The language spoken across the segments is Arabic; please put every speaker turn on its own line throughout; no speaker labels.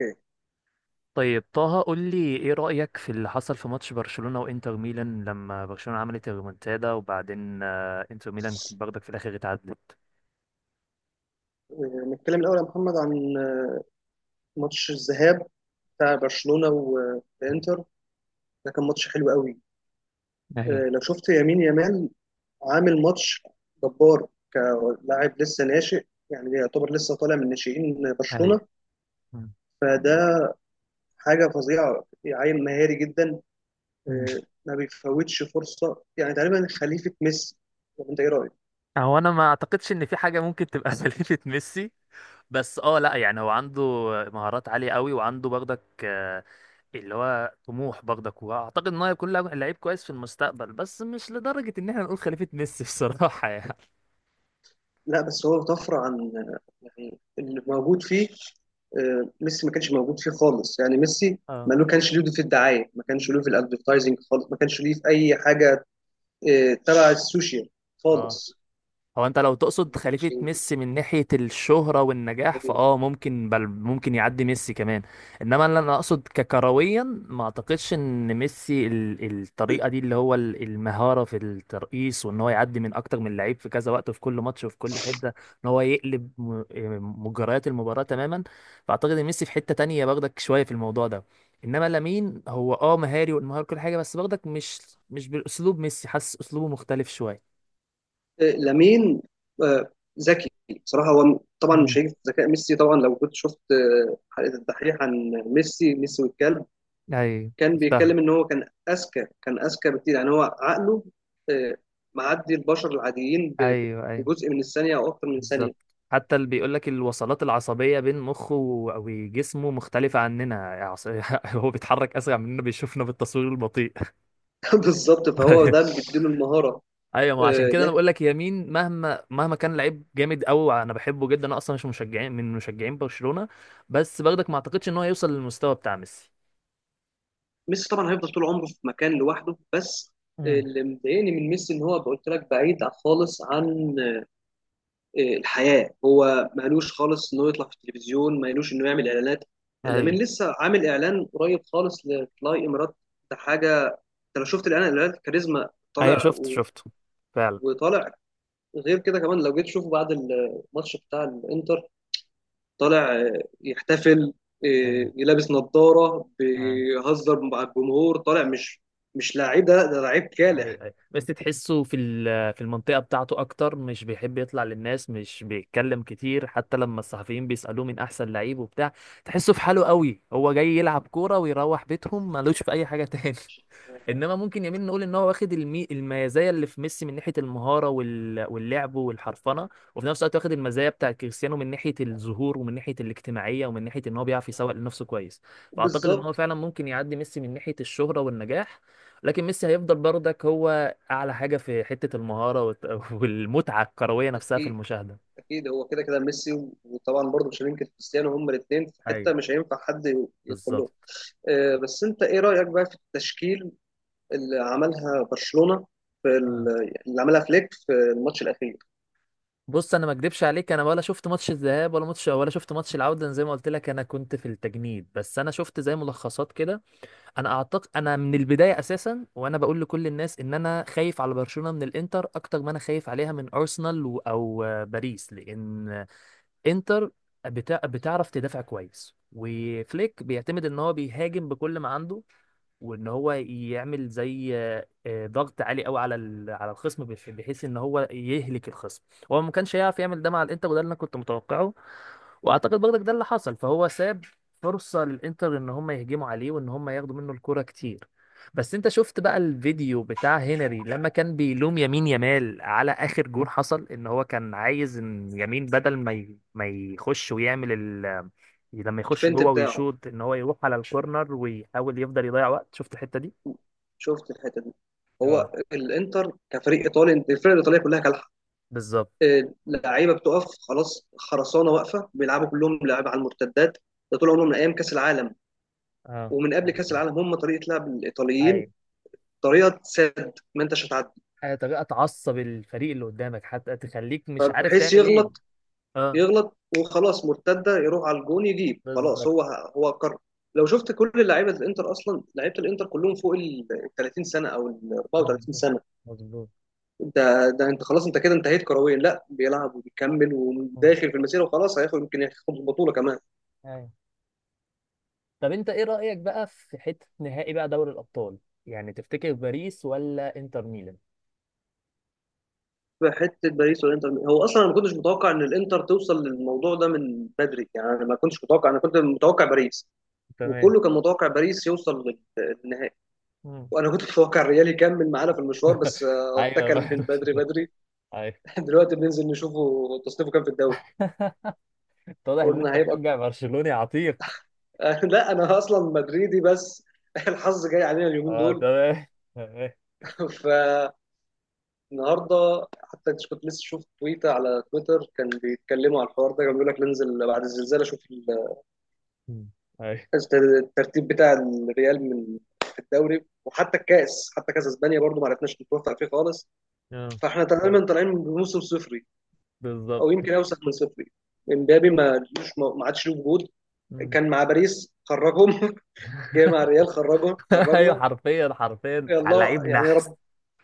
اوكي.
طيب طه قول لي ايه رأيك في اللي حصل في ماتش برشلونة وانتر ميلان لما برشلونة عملت الريمونتادا وبعدين انتر ميلان برضك في الاخر اتعدت.
نتكلم الاول يا محمد عن ماتش الذهاب بتاع برشلونه وانتر. ده كان ماتش حلو قوي.
ايوه.
لو شفت يمين يامال عامل ماتش جبار كلاعب لسه ناشئ، يعني يعتبر لسه طالع من ناشئين
ايوه
برشلونه،
مم.
فده حاجه فظيعه، عيل مهاري جدا.
مم.
آه، ما بيفوتش فرصه، يعني تقريبا خليفه ميسي، ولا انت ايه رايك؟
هو انا ما اعتقدش ان في حاجة ممكن تبقى سليمة ميسي. بس اه لا، يعني هو عنده مهارات عالية قوي، وعنده برضك اللي هو طموح برضك، واعتقد ان هو هيكون لاعب لعيب كويس في المستقبل، بس مش لدرجة ان احنا نقول خليفة ميسي بصراحة يعني.
لا بس هو طفره عن، يعني اللي موجود فيه. ميسي ما كانش موجود فيه خالص، يعني ميسي
اه.
ما له كانش له دور في الدعايه، ما كانش له في الادفرتايزنج خالص، ما كانش له في اي حاجه تبع السوشيال
اه.
خالص.
هو انت لو تقصد
ما كانش
خليفة
انجلش
ميسي من ناحية الشهرة والنجاح
طبيعي.
فاه ممكن، بل ممكن يعدي ميسي كمان. انما اللي انا اقصد ككرويا، ما اعتقدش ان ميسي الطريقة دي، اللي هو المهارة في الترقيص، وان هو يعدي من اكتر من لعيب في كذا وقت وفي كل ماتش وفي كل حتة، ان هو يقلب مجريات المباراة تماما. فاعتقد ان ميسي في حتة تانية، باخدك شوية في الموضوع ده. انما لامين هو اه مهاري، والمهارة كل حاجة، بس باخدك مش بالاسلوب ميسي، حاسس اسلوبه مختلف شوية.
لامين آه، ذكي. بصراحه هو طبعا مش هيجي في ذكاء ميسي، طبعا لو كنت شفت حلقه الدحيح عن ميسي، ميسي والكلب،
ايوه.
كان
شفتها.
بيتكلم ان هو كان اذكى، كان اذكى بكتير. يعني هو عقله آه، معدي البشر العاديين
ايوه.
بجزء من الثانيه او اكتر من ثانيه.
بالظبط، حتى اللي بيقول لك الوصلات العصبيه بين مخه وجسمه مختلفه عننا. عص- هو بيتحرك اسرع مننا، بيشوفنا بالتصوير البطيء.
بالظبط، فهو ده
ايوه.
اللي بيديله المهاره.
ايوه ما عشان كده انا
لكن
بقول لك يمين، مهما كان لعيب جامد قوي، انا بحبه جدا، انا اصلا مش مشجعين من مشجعين برشلونه، بس برضك ما اعتقدش ان هو يوصل للمستوى بتاع ميسي.
ميسي طبعا هيفضل طول عمره في مكان لوحده. بس
امم.
اللي مضايقني من ميسي ان هو، قلت لك، بعيد خالص عن الحياه. هو مالوش خالص انه يطلع في التلفزيون، مالوش انه يعمل اعلانات. لامين
ايوه.
لسه عامل اعلان قريب خالص لفلاي امارات. ده حاجه، انت لو شفت الاعلان، الاعلان كاريزما طالع
شفته فعلا.
وطالع. غير كده كمان، لو جيت تشوفه بعد الماتش بتاع الانتر طالع يحتفل،
ايوه.
لابس نظارة
ايوه
بيهزر مع الجمهور طالع. مش لعيب، ده لعيب كالح.
اي اي، بس تحسه في المنطقه بتاعته اكتر، مش بيحب يطلع للناس، مش بيتكلم كتير، حتى لما الصحفيين بيسالوه من احسن لعيب وبتاع. تحسه في حاله قوي، هو جاي يلعب كوره ويروح بيتهم، ملوش في اي حاجه تاني. انما ممكن يمين نقول ان هو واخد المي... المزايا اللي في ميسي من ناحيه المهاره وال... واللعب والحرفنه، وفي نفس الوقت واخد المزايا بتاع كريستيانو من ناحيه الظهور ومن ناحيه الاجتماعيه ومن ناحيه ان هو بيعرف يسوق لنفسه كويس. فاعتقد ان هو
بالظبط.
فعلا ممكن يعدي ميسي من ناحيه الشهره والنجاح، لكن ميسي هيفضل برضك هو اعلى حاجه في حته المهاره والت... والمتعه الكرويه نفسها في
اكيد
المشاهده.
اكيد هو كده كده ميسي وطبعا برضه مش هننكر كريستيانو، هما الاثنين في
ايوه.
حته مش هينفع حد يدخل لهم.
بالظبط.
بس انت ايه رايك بقى في التشكيل اللي عملها برشلونه في
آه.
ال- اللي عملها فليك في الماتش الاخير؟
بص انا ما اكدبش عليك، انا ولا شفت ماتش الذهاب ولا ماتش، ولا شفت ماتش العوده، أنا زي ما قلت لك انا كنت في التجنيد، بس انا شفت زي ملخصات كده. انا اعتقد انا من البدايه اساسا، وانا بقول لكل الناس، ان انا خايف على برشلونه من الانتر اكتر ما انا خايف عليها من ارسنال او باريس، لان انتر بتعرف تدافع كويس، وفليك بيعتمد ان هو بيهاجم بكل ما عنده، وان هو يعمل زي ضغط عالي قوي على الخصم، بحيث ان هو يهلك الخصم. هو ما كانش هيعرف يعمل ده مع الانتر، وده اللي انا كنت متوقعه، واعتقد برضك ده اللي حصل. فهو ساب فرصة للانتر ان هم يهجموا عليه وان هم ياخدوا منه الكرة كتير. بس انت شفت بقى الفيديو بتاع هنري لما كان بيلوم يمين يمال على اخر جون حصل، ان هو كان عايز ان يمين بدل ما يخش ويعمل، لما يخش
الفنت
جوه
بتاعه،
ويشوط، ان هو يروح على الكورنر ويحاول يفضل يضيع وقت. شفت الحتة دي؟
شفت الحته دي؟
اه.
هو الانتر كفريق ايطالي، انت الفرق الايطاليه كلها كالحه.
بالظبط.
لعيبه بتقف خلاص، خرسانه واقفه، بيلعبوا كلهم لعب على المرتدات. ده طول عمرهم من ايام كاس العالم،
اه.
ومن قبل كاس العالم هم، طريقه لعب الايطاليين
ايوه.
طريقه سد، ما انتش هتعدي.
حاجة، طريقة تعصب الفريق اللي قدامك حتى تخليك مش عارف
فبحيث
تعمل ايه.
يغلط،
اه.
يغلط وخلاص مرتده يروح على الجون يجيب. خلاص
بالظبط.
هو، هو قرر. لو شفت كل لعيبه الانتر، اصلا لعيبه الانتر كلهم فوق ال 30 سنه او ال 34
مظبوط
سنه.
مظبوط.
ده انت خلاص، انت كده انتهيت كرويا. لا بيلعب وبيكمل
مم.
وداخل في المسيره، وخلاص هياخد، يمكن ياخد البطوله كمان.
ايوه. طب انت ايه رأيك بقى في حتة نهائي بقى دوري الأبطال، يعني تفتكر باريس ولا انتر ميلان؟
في حته باريس والانتر، هو اصلا انا ما كنتش متوقع ان الانتر توصل للموضوع ده من بدري. يعني انا ما كنتش متوقع، انا كنت متوقع باريس،
تمام.
وكله كان متوقع باريس يوصل للنهائي.
مم.
وانا كنت متوقع الريال يكمل معانا في المشوار، بس
ايوه
اتكل
بقى.
من بدري بدري.
ايوه.
دلوقتي بننزل نشوفه تصنيفه كام في الدوري.
واضح ان
قلنا
انت
هيبقى.
بتشجع برشلوني عتيق.
لا، انا اصلا مدريدي. بس الحظ جاي علينا اليومين
اه
دول.
تمام.
ف النهارده حتى كنت لسه شفت تويته على تويتر، كان بيتكلموا على الحوار ده. كان بيقول لك ننزل بعد الزلزال اشوف
مم. ايوه.
الترتيب بتاع الريال من في الدوري. وحتى الكاس، حتى كاس اسبانيا برضو ما عرفناش نتوفق فيه خالص.
اه.
فاحنا تقريبا طالعين بموسم صفري، او
بالظبط.
يمكن اوسخ من صفري. امبابي ما لوش، ما عادش له وجود.
مم.
كان مع باريس خرجهم، جاي مع الريال خرجهم،
ايوه،
خرجنا.
حرفيا حرفيا، على
يلا
لعيب
يعني يا
نحس.
رب،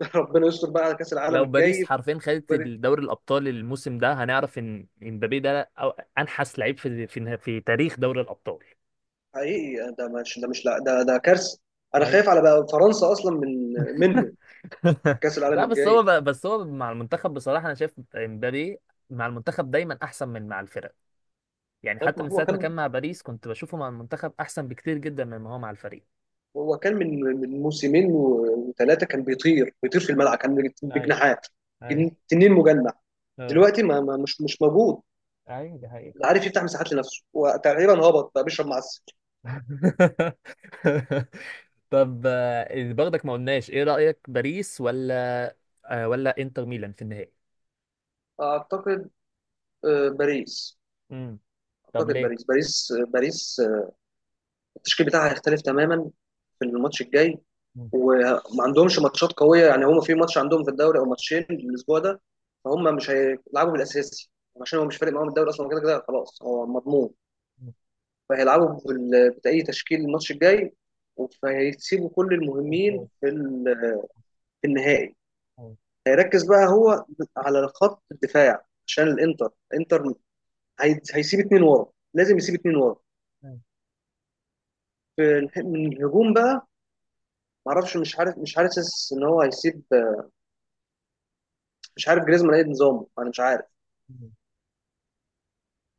ربنا يستر بقى على كاس العالم
لو باريس
الجاي.
حرفيا خدت الدوري الابطال الموسم ده، هنعرف ان امبابي ده أو انحس لعيب في تاريخ دوري الابطال.
حقيقي ده مش، ده مش، لا ده ده كارثه. انا
يعني
خايف على بقى فرنسا اصلا من، منه، في كاس العالم
لا بس
الجاي.
هو بس هو مع المنتخب، بصراحه انا شايف امبابي مع المنتخب دايما احسن من مع الفرق. يعني
طيب
حتى
ما
من
هو
ساعه ما
كان،
كان مع باريس، كنت بشوفه مع المنتخب احسن بكتير جدا مما هو مع الفريق.
هو كان من موسمين وثلاثه، كان بيطير بيطير في الملعب، كان
ايوه.
بجناحات.
ايوه
تنين مجنح.
اه.
دلوقتي مش موجود.
ايوه دي حقيقة.
لا عارف يفتح مساحات لنفسه، وتقريبا هبط بقى بيشرب معسل.
طب برضك ما قلناش ايه رأيك، باريس ولا ولا انتر ميلان في النهائي؟
اعتقد باريس.
امم. طب
اعتقد
ليه؟
باريس، باريس، باريس، التشكيل بتاعها هيختلف تماما في الماتش الجاي.
مم.
وما عندهمش ماتشات قويه، يعني هم في ماتش عندهم في الدوري او ماتشين الاسبوع ده. فهم مش هيلعبوا بالاساسي، عشان هو مش فارق معاهم الدوري اصلا، كده كده خلاص هو مضمون.
مم.
فهيلعبوا باي تشكيل الماتش الجاي، فهيسيبوا كل
إزاي؟
المهمين في النهائي.
أه.
هيركز بقى هو على خط الدفاع عشان الانتر، الانتر هيسيب اتنين ورا، لازم يسيب اتنين ورا
أه.
من الهجوم بقى. معرفش، مش عارف، مش حاسس ان هو هيسيب، مش عارف جريزمان ايه نظامه، انا مش عارف.
مم.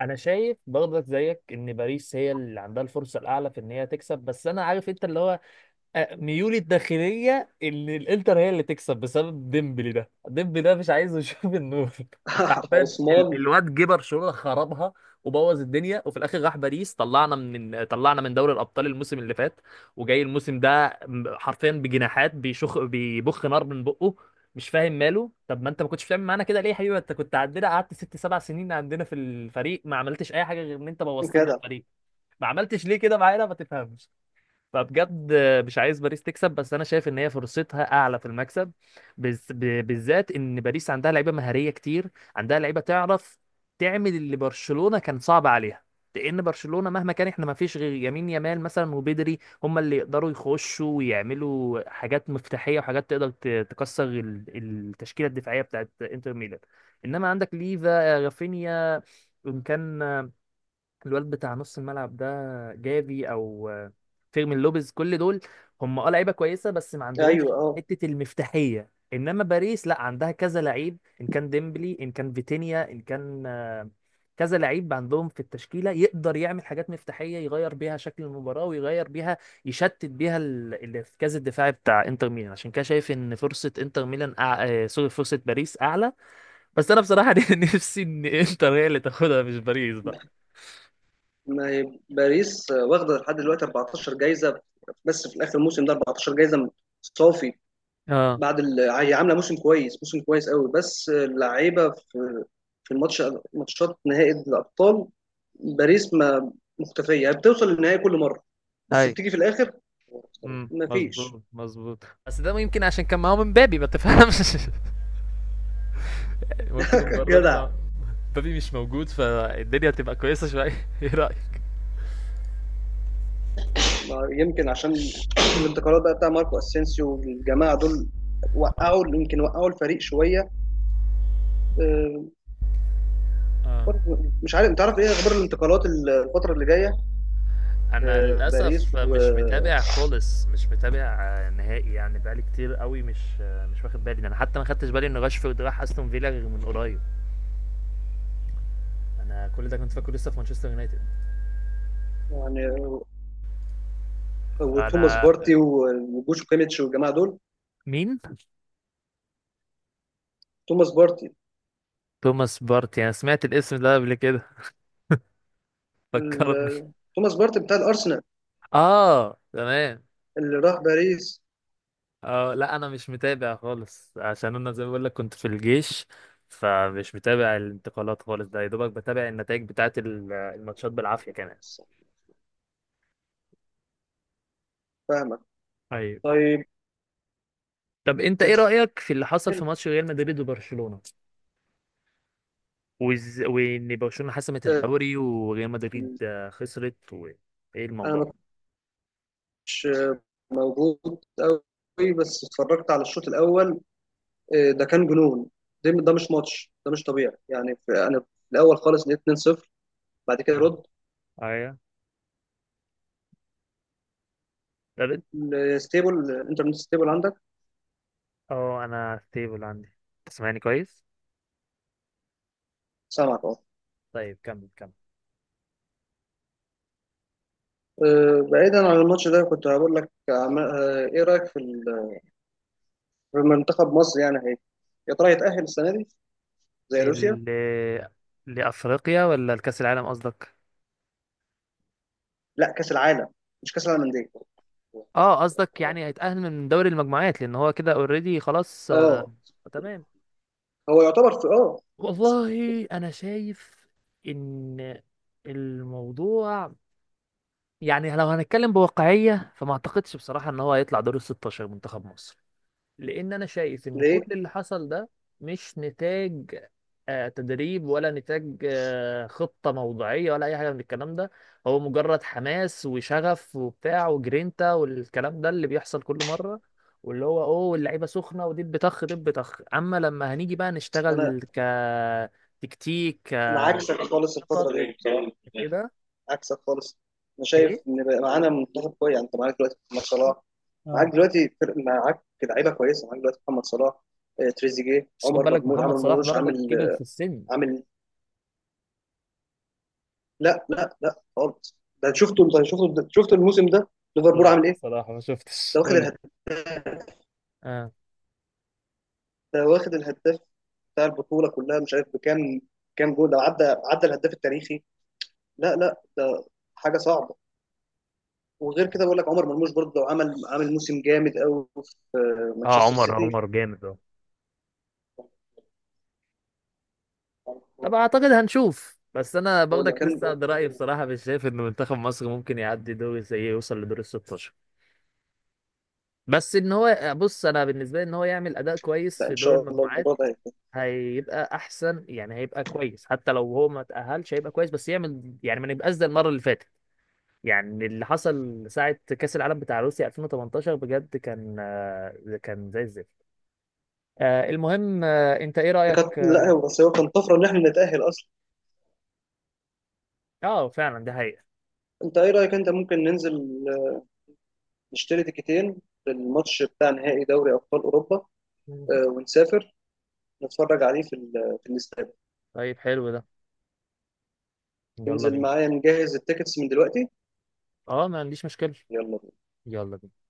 انا شايف برضك زيك ان باريس هي اللي عندها الفرصة الاعلى في ان هي تكسب. بس انا عارف انت اللي هو ميولي الداخلية ان الانتر هي اللي تكسب بسبب ديمبلي. ده ديمبلي ده مش عايز يشوف النور انت عارفين
عثمان
الواد جه برشلونة خربها وبوظ الدنيا، وفي الاخر راح باريس، طلعنا من طلعنا من دوري الابطال الموسم اللي فات، وجاي الموسم ده حرفيا بجناحات بيشخ بيبخ نار من بقه. مش فاهم ماله. طب ما انت ما كنتش بتعمل معانا كده ليه يا حبيبي؟ انت كنت عندنا قعدت ست سبع سنين عندنا في الفريق، ما عملتش اي حاجه غير ان انت بوظت لنا
كده.
الفريق. ما عملتش ليه كده معانا؟ ما تفهمش. فبجد مش عايز باريس تكسب، بس انا شايف ان هي فرصتها اعلى في المكسب، بالذات ان باريس عندها لعيبه مهاريه كتير. عندها لعيبه تعرف تعمل اللي برشلونه كان صعب عليها، لان برشلونه مهما كان احنا ما فيش غير يمين يامال مثلا وبدري هم اللي يقدروا يخشوا ويعملوا حاجات مفتاحيه وحاجات تقدر تكسر التشكيله الدفاعيه بتاعت انتر ميلان. انما عندك ليفا، رافينيا، ان كان الواد بتاع نص الملعب ده جافي او فيرمين لوبيز، كل دول هم اه لعيبه كويسه بس ما
ايوه
عندهمش
اه.
حته المفتاحيه. انما باريس لا، عندها كذا لعيب، ان كان ديمبلي ان كان فيتينيا ان كان كذا لعيب عندهم في التشكيله يقدر يعمل حاجات مفتاحيه يغير بيها شكل المباراه، ويغير بيها يشتت بيها الارتكاز الدفاعي بتاع انتر ميلان. عشان كده شايف ان فرصه انتر ميلان أع... سوري، فرصه باريس اعلى. بس انا بصراحه نفسي ان انتر هي اللي تاخدها، مش باريس بقى.
ما هي باريس واخده لحد دلوقتي 14 جايزه، بس في الاخر الموسم ده 14 جايزه صافي.
اه.
هي عامله موسم كويس، موسم كويس قوي، بس اللعيبه في الماتش، ماتشات نهائي الابطال باريس ما مختفيه، هي بتوصل للنهائي كل مره بس
ايوه.
بتيجي في الاخر.
امم،
ما فيش.
مظبوط. بس ده يمكن عشان كان معاهم مبابي، ما تفهمش ممكن المرة دي
جدع.
مع مبابي مش موجود فالدنيا تبقى كويسة شوية. ايه رأيك؟
ما يمكن عشان الانتقالات بقى بتاع ماركو اسينسيو والجماعه دول
اه.
وقعوا، يمكن وقعوا الفريق شويه. آه،
اه.
برضه مش عارف، انت عارف ايه اخبار الانتقالات الفتره اللي جايه في
انا للاسف
باريس و،
مش متابع خالص، مش متابع نهائي، يعني بقالي كتير قوي مش مش واخد بالي. انا حتى ما خدتش بالي ان راشفورد راح استون فيلا غير من قريب، انا كل ده كنت فاكره لسه في مانشستر يونايتد.
يعني، وتوماس
انا
بارتي وجوشو كيميتش والجماعه دول.
مين؟
توماس بارتي،
توماس بارتي؟ انا سمعت الاسم ده قبل كده، فكرني.
توماس بارتي بتاع الارسنال
اه تمام.
اللي راح باريس.
اه لا انا مش متابع خالص، عشان انا زي ما بقول لك كنت في الجيش، فمش متابع الانتقالات خالص، ده يا دوبك بتابع النتائج بتاعه الماتشات بالعافيه كمان.
فاهمك.
ايوه.
طيب،
طب انت ايه
تتأهل.
رايك في اللي حصل في ماتش ريال مدريد وبرشلونه، وان برشلونه حسمت
آه،
الدوري وريال مدريد خسرت وايه
انا
الموضوع
ما
ده؟
كنتش موجود قوي، بس اتفرجت على الشوط الاول. ده كان جنون، ده ده مش ماتش، ده مش طبيعي يعني. انا في الاول خالص لقيت 2-0، بعد كده
اه.
رد.
ايوه. طب انت.
لستيبل، الانترنت ستيبل عندك؟
اه انا ستيبل عندي، تسمعني كويس؟
سامعك اه.
طيب كمل كمل.
بعيدا عن الماتش ده، كنت هقول لك ايه رايك في منتخب مصر، يعني هي يا ترى يتاهل السنه دي زي روسيا؟
ال لافريقيا ولا الكاس العالم قصدك؟
لا، كاس العالم، مش كاس العالم للانديه.
اه قصدك يعني هيتأهل من دوري المجموعات، لان هو كده اوريدي خلاص
اه
آه. تمام.
هو يعتبر في اه.
والله انا شايف ان الموضوع، يعني لو هنتكلم بواقعية فما اعتقدش بصراحة ان هو هيطلع دور ال 16 منتخب مصر. لان انا شايف ان
ليه؟
كل اللي حصل ده مش نتاج تدريب، ولا نتاج خطة موضوعية، ولا اي حاجة من الكلام ده. هو مجرد حماس وشغف وبتاع وجرينتا والكلام ده اللي بيحصل كل مرة، واللي هو اوه اللعيبة سخنة ودب طخ دب طخ. اما لما هنيجي بقى
أصل انا،
نشتغل كتكتيك،
انا عكسك خالص
كخطط
الفتره دي،
كده.
عكسك خالص. انا شايف
ايه.
ان بقى معانا منتخب كويس. يعني انت معاك دلوقتي محمد صلاح، معاك
اه.
دلوقتي فرق، معاك لعيبه كويسه، معاك دلوقتي محمد صلاح، تريزيجيه،
بس خد
عمر
بالك
مرموش، عمل
محمد صلاح
مرموش
برضك
عامل،
كبر في السن.
عامل. لا لا لا خالص، ده شفته انت، شفته، شفت الموسم ده ليفربول عامل
لا
ايه؟
صراحة ما
ده
شفتش،
واخد
قول.
الهداف،
اه.
ده واخد الهداف بتاع البطوله كلها. مش عارف بكام، كام جول ده، عدى عدى الهداف التاريخي. لا لا ده حاجه صعبه. وغير كده بقول لك عمر مرموش برضه عمل، عامل موسم جامد قوي في
اه.
مانشستر سيتي.
عمر جامد. طب اعتقد هنشوف. بس انا
هو اللي
باخدك
كان،
لسه قد رايي بصراحه مش شايف ان منتخب مصر ممكن يعدي دور زي إيه، يوصل لدور ال 16. بس ان هو بص، انا بالنسبه لي ان هو يعمل اداء كويس
لا
في
ان
دور
شاء الله
المجموعات
الموضوع ده.
هيبقى احسن، يعني هيبقى كويس حتى لو هو ما تاهلش هيبقى كويس، بس يعمل يعني ما نبقاش زي المره اللي فاتت. يعني اللي حصل ساعه كاس العالم بتاع روسيا 2018 بجد كان كان زي الزفت. المهم، انت ايه
دي
رايك؟
كانت، لا
اه.
هو بس هو كان طفره ان احنا نتاهل اصلا.
فعلا ده حقيقه.
انت ايه رايك، انت ممكن ننزل آه، نشتري تيكتين للماتش بتاع نهائي دوري ابطال اوروبا،
مم.
ونسافر نتفرج عليه في الاستاد؟
طيب حلو ده، يلا
تنزل
بينا.
معايا نجهز التيكتس من دلوقتي؟
اه ما عنديش مشكلة،
يلا بينا.
يلا بينا.